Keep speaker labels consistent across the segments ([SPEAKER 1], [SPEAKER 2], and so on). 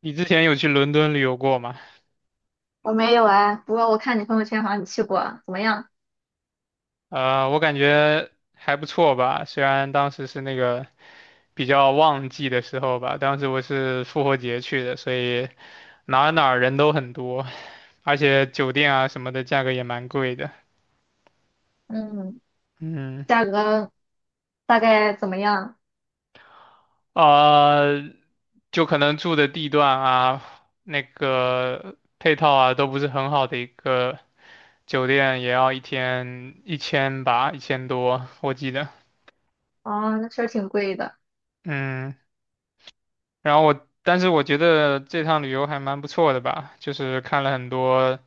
[SPEAKER 1] 你之前有去伦敦旅游过吗？
[SPEAKER 2] 我没有哎，不过我看你朋友圈好像你去过，怎么样？
[SPEAKER 1] 我感觉还不错吧，虽然当时是那个比较旺季的时候吧，当时我是复活节去的，所以哪儿哪儿人都很多，而且酒店啊什么的价格也蛮贵的。
[SPEAKER 2] 嗯，
[SPEAKER 1] 嗯。
[SPEAKER 2] 价格大概怎么样？
[SPEAKER 1] 呃，就可能住的地段啊，那个配套啊都不是很好的一个酒店，也要一天一千吧，1000多，我记得。
[SPEAKER 2] 哦，那确实挺贵的。
[SPEAKER 1] 嗯。然后但是我觉得这趟旅游还蛮不错的吧，就是看了很多，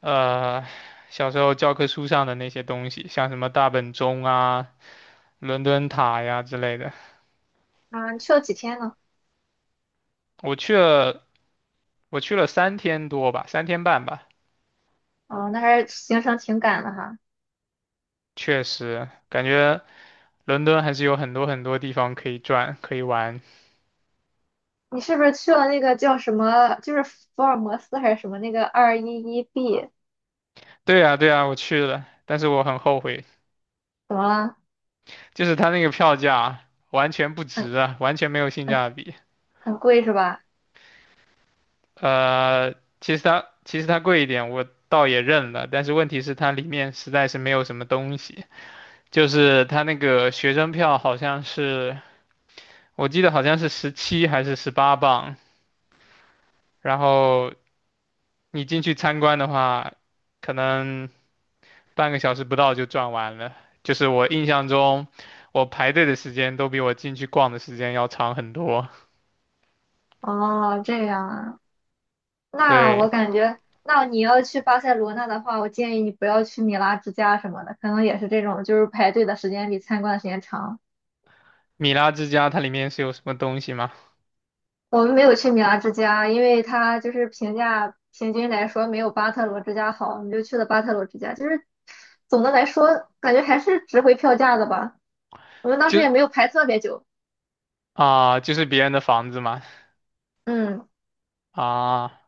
[SPEAKER 1] 呃，小时候教科书上的那些东西，像什么大本钟啊、伦敦塔呀之类的。
[SPEAKER 2] 啊，你去了几天呢？
[SPEAKER 1] 我去了，我去了3天多吧，3天半吧，
[SPEAKER 2] 哦，那还是行程挺赶的哈。
[SPEAKER 1] 确实感觉伦敦还是有很多很多地方可以转，可以玩。
[SPEAKER 2] 你是不是去了那个叫什么，就是福尔摩斯还是什么那个211B？
[SPEAKER 1] 对呀，对呀，我去了，但是我很后悔，
[SPEAKER 2] 怎么了？
[SPEAKER 1] 就是他那个票价完全不
[SPEAKER 2] 很
[SPEAKER 1] 值啊，完全没有性
[SPEAKER 2] 很
[SPEAKER 1] 价比。
[SPEAKER 2] 很贵是吧？
[SPEAKER 1] 呃，其实它贵一点，我倒也认了。但是问题是它里面实在是没有什么东西，就是它那个学生票好像是，我记得好像是17还是18磅，然后你进去参观的话，可能半个小时不到就转完了。就是我印象中，我排队的时间都比我进去逛的时间要长很多。
[SPEAKER 2] 哦，这样啊。那
[SPEAKER 1] 对，
[SPEAKER 2] 我感觉，那你要去巴塞罗那的话，我建议你不要去米拉之家什么的，可能也是这种，就是排队的时间比参观的时间长。
[SPEAKER 1] 米拉之家它里面是有什么东西吗？
[SPEAKER 2] 我们没有去米拉之家，因为它就是评价平均来说没有巴特罗之家好，我们就去了巴特罗之家。就是总的来说，感觉还是值回票价的吧。我们当时
[SPEAKER 1] 就
[SPEAKER 2] 也没有排特别久。
[SPEAKER 1] 就是别人的房子嘛。
[SPEAKER 2] 嗯
[SPEAKER 1] 啊，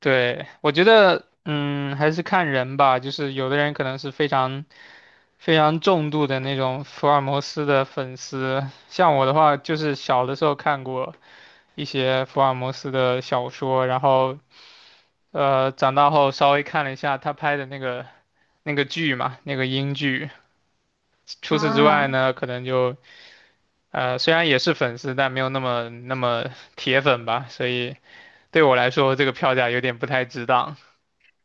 [SPEAKER 1] 对，我觉得，嗯，还是看人吧。就是有的人可能是非常、非常重度的那种福尔摩斯的粉丝，像我的话，就是小的时候看过一些福尔摩斯的小说，然后，长大后稍微看了一下他拍的那个剧嘛，那个英剧。除此之外
[SPEAKER 2] 啊，
[SPEAKER 1] 呢，可能就，呃，虽然也是粉丝，但没有那么那么铁粉吧。所以对我来说，这个票价有点不太值当。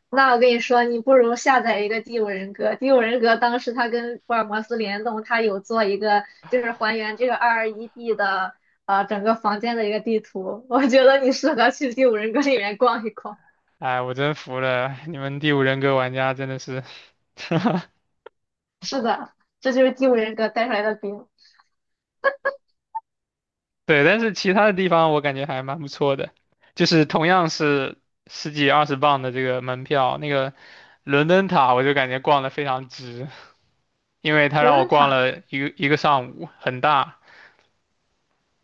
[SPEAKER 2] 那我跟你说，你不如下载一个《第五人格》。《第五人格》当时它跟福尔摩斯联动，它有做一个就是还原这个221d 的整个房间的一个地图。我觉得你适合去《第五人格》里面逛一逛。
[SPEAKER 1] 哎，我真服了，你们第五人格玩家真的是，
[SPEAKER 2] 是的，这就是《第五人格》带出来的饼。
[SPEAKER 1] 对，但是其他的地方我感觉还蛮不错的，就是同样是十几二十磅的这个门票，那个伦敦塔我就感觉逛的非常值，因为他
[SPEAKER 2] 伦
[SPEAKER 1] 让我
[SPEAKER 2] 敦
[SPEAKER 1] 逛
[SPEAKER 2] 塔，
[SPEAKER 1] 了一个一个上午，很大。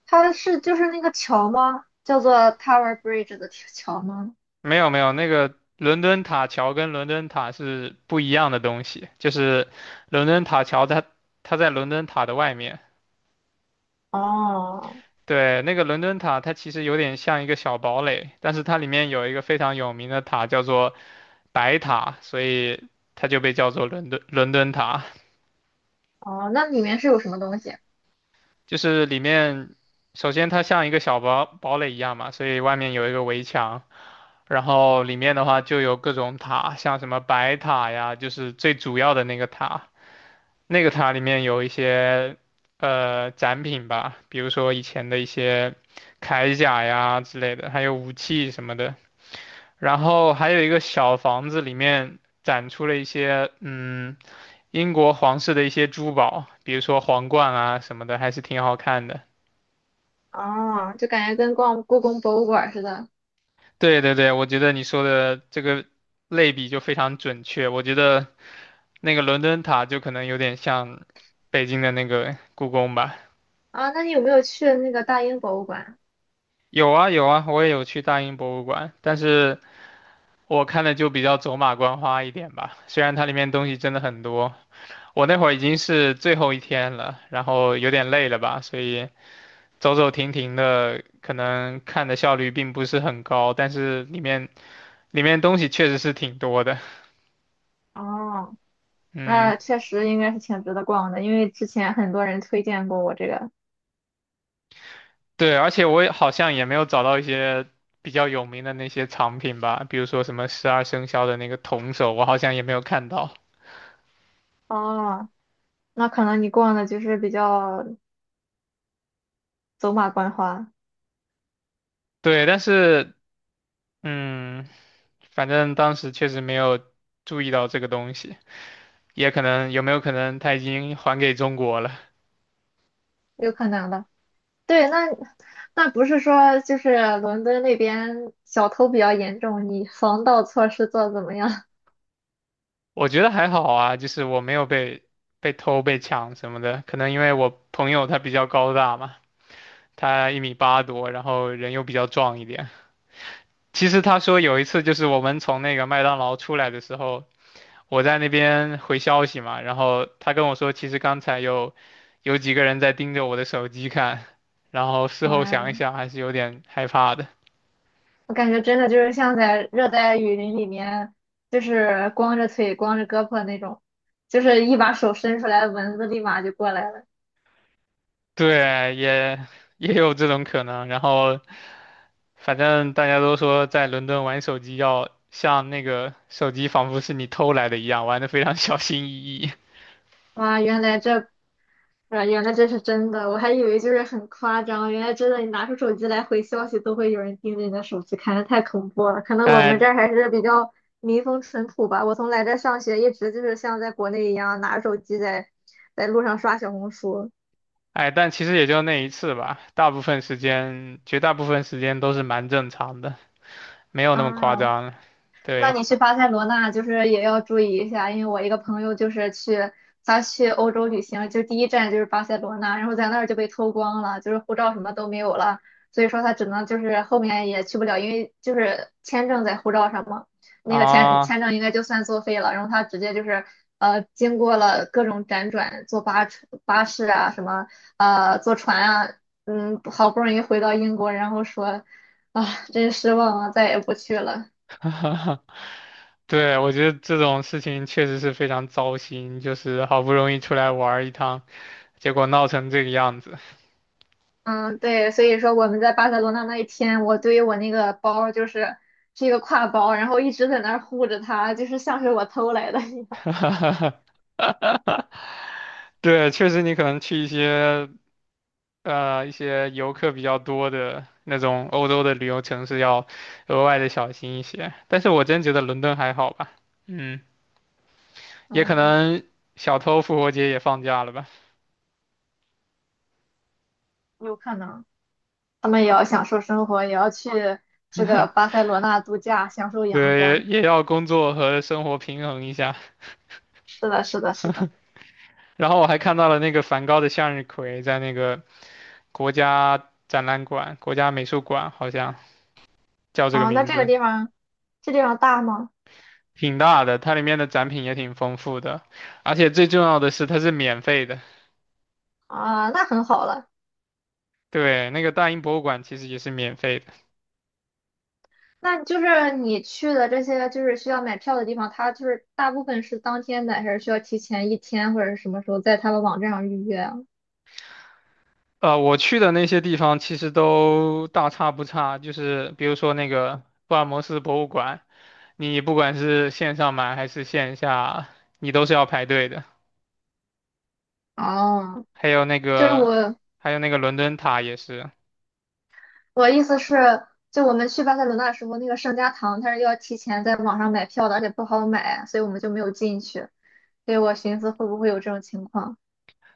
[SPEAKER 2] 它是就是那个桥吗？叫做 Tower Bridge 的桥吗？
[SPEAKER 1] 没有没有，那个伦敦塔桥跟伦敦塔是不一样的东西，就是伦敦塔桥它在伦敦塔的外面，
[SPEAKER 2] 哦
[SPEAKER 1] 对，那个伦敦塔，它其实有点像一个小堡垒，但是它里面有一个非常有名的塔叫做白塔，所以它就被叫做伦敦塔。
[SPEAKER 2] 哦，那里面是有什么东西？
[SPEAKER 1] 就是里面，首先它像一个小堡垒一样嘛，所以外面有一个围墙，然后里面的话就有各种塔，像什么白塔呀，就是最主要的那个塔。那个塔里面有一些展品吧，比如说以前的一些铠甲呀之类的，还有武器什么的。然后还有一个小房子里面展出了一些，英国皇室的一些珠宝，比如说皇冠啊什么的，还是挺好看的。
[SPEAKER 2] 哦，就感觉跟逛故宫博物馆似的。
[SPEAKER 1] 对对对，我觉得你说的这个类比就非常准确。我觉得那个伦敦塔就可能有点像北京的那个故宫吧。
[SPEAKER 2] 啊，那你有没有去那个大英博物馆？
[SPEAKER 1] 有啊有啊，我也有去大英博物馆，但是我看的就比较走马观花一点吧。虽然它里面东西真的很多。我那会儿已经是最后一天了，然后有点累了吧，所以走走停停的，可能看的效率并不是很高，但是里面东西确实是挺多的。
[SPEAKER 2] 哦，
[SPEAKER 1] 嗯，
[SPEAKER 2] 那确实应该是挺值得逛的，因为之前很多人推荐过我这个。
[SPEAKER 1] 对，而且我也好像也没有找到一些比较有名的那些藏品吧，比如说什么十二生肖的那个铜首，我好像也没有看到。
[SPEAKER 2] 哦，那可能你逛的就是比较走马观花，
[SPEAKER 1] 对，但是嗯，反正当时确实没有注意到这个东西，也可能有没有可能他已经还给中国了。
[SPEAKER 2] 有可能的。对，那不是说就是伦敦那边小偷比较严重，你防盗措施做得怎么样？
[SPEAKER 1] 我觉得还好啊，就是我没有被偷、被抢什么的，可能因为我朋友他比较高大嘛，他一米八多，然后人又比较壮一点。其实他说有一次就是我们从那个麦当劳出来的时候，我在那边回消息嘛，然后他跟我说，其实刚才有几个人在盯着我的手机看，然后 事后想一
[SPEAKER 2] 嗯，
[SPEAKER 1] 想还是有点害怕的。
[SPEAKER 2] 我感觉真的就是像在热带雨林里面，就是光着腿、光着胳膊那种，就是一把手伸出来，蚊子立马就过来了。
[SPEAKER 1] 对，也有这种可能，然后。反正大家都说在伦敦玩手机要像那个手机仿佛是你偷来的一样，玩的非常 小心翼翼。
[SPEAKER 2] 哇，原来这是真的，我还以为就是很夸张，原来真的，你拿出手机来回消息都会有人盯着你的手机看，太恐怖 了。可能我们这
[SPEAKER 1] 哎
[SPEAKER 2] 儿还是比较民风淳朴吧。我从来这儿上学，一直就是像在国内一样拿着手机在路上刷小红书。
[SPEAKER 1] 哎，但其实也就那一次吧，大部分时间，绝大部分时间都是蛮正常的，没有那么夸
[SPEAKER 2] 啊，
[SPEAKER 1] 张。
[SPEAKER 2] 那
[SPEAKER 1] 对
[SPEAKER 2] 你去巴塞罗那就是也要注意一下，因为我一个朋友就是他去欧洲旅行，就第一站就是巴塞罗那，然后在那儿就被偷光了，就是护照什么都没有了，所以说他只能就是后面也去不了，因为就是签证在护照上嘛，那个
[SPEAKER 1] 啊，
[SPEAKER 2] 签证应该就算作废了，然后他直接就是经过了各种辗转，坐巴车巴士啊什么坐船啊，嗯好不容易回到英国，然后说啊真失望啊，再也不去了。
[SPEAKER 1] 对，我觉得这种事情确实是非常糟心，就是好不容易出来玩儿一趟，结果闹成这个样子。
[SPEAKER 2] 嗯，对，所以说我们在巴塞罗那那一天，我对于我那个包就是是一个挎包，然后一直在那儿护着它，就是像是我偷来的一样。
[SPEAKER 1] 对，确实你可能去一些游客比较多的那种欧洲的旅游城市要额外的小心一些。但是我真觉得伦敦还好吧，嗯，也可
[SPEAKER 2] 嗯，
[SPEAKER 1] 能小偷复活节也放假了吧，
[SPEAKER 2] 有可能他们也要享受生活，也要去这个巴塞罗那度假，享受阳
[SPEAKER 1] 对，
[SPEAKER 2] 光。
[SPEAKER 1] 也要工作和生活平衡一下。
[SPEAKER 2] 是的，是的，是的。
[SPEAKER 1] 然后我还看到了那个梵高的向日葵在那个国家展览馆、国家美术馆，好像叫这个
[SPEAKER 2] 啊，那
[SPEAKER 1] 名
[SPEAKER 2] 这个
[SPEAKER 1] 字。
[SPEAKER 2] 地方，这地方大吗？
[SPEAKER 1] 挺大的，它里面的展品也挺丰富的，而且最重要的是它是免费的。
[SPEAKER 2] 啊，那很好了。
[SPEAKER 1] 对，那个大英博物馆其实也是免费的。
[SPEAKER 2] 那就是你去的这些就是需要买票的地方，它就是大部分是当天买，还是需要提前一天或者是什么时候在他们网站上预约啊？
[SPEAKER 1] 我去的那些地方其实都大差不差，就是比如说那个福尔摩斯博物馆，你不管是线上买还是线下，你都是要排队的。
[SPEAKER 2] 哦，
[SPEAKER 1] 还有那
[SPEAKER 2] 就是
[SPEAKER 1] 个，
[SPEAKER 2] 我，
[SPEAKER 1] 还有那个伦敦塔也是，
[SPEAKER 2] 我意思是，就我们去巴塞罗那的时候，那个圣家堂它是要提前在网上买票的，而且不好买，所以我们就没有进去。所以我寻思会不会有这种情况？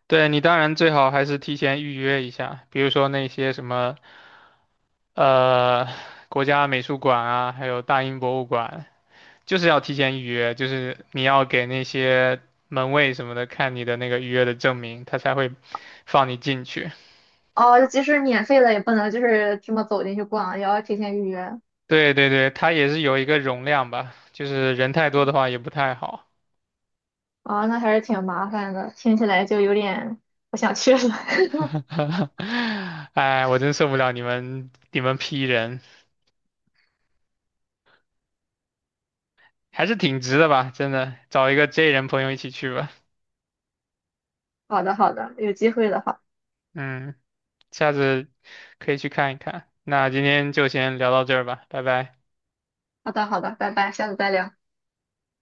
[SPEAKER 1] 对你当然最好还是提前预约一下，比如说那些什么呃国家美术馆啊，还有大英博物馆。就是要提前预约，就是你要给那些门卫什么的看你的那个预约的证明，他才会放你进去。
[SPEAKER 2] 哦，就即使免费了也不能就是这么走进去逛，也要提前预约。
[SPEAKER 1] 对对对，他也是有一个容量吧，就是人太多的话也不太好。
[SPEAKER 2] 啊、那还是挺麻烦的，听起来就有点不想去了。
[SPEAKER 1] 哎，我真受不了你们 P 人，还是挺值的吧，真的，找一个 J 人朋友一起去吧。
[SPEAKER 2] 好的，好的，有机会的话，
[SPEAKER 1] 嗯，下次可以去看一看。那今天就先聊到这儿吧，拜拜。
[SPEAKER 2] 好的，好的，拜拜，下次再聊。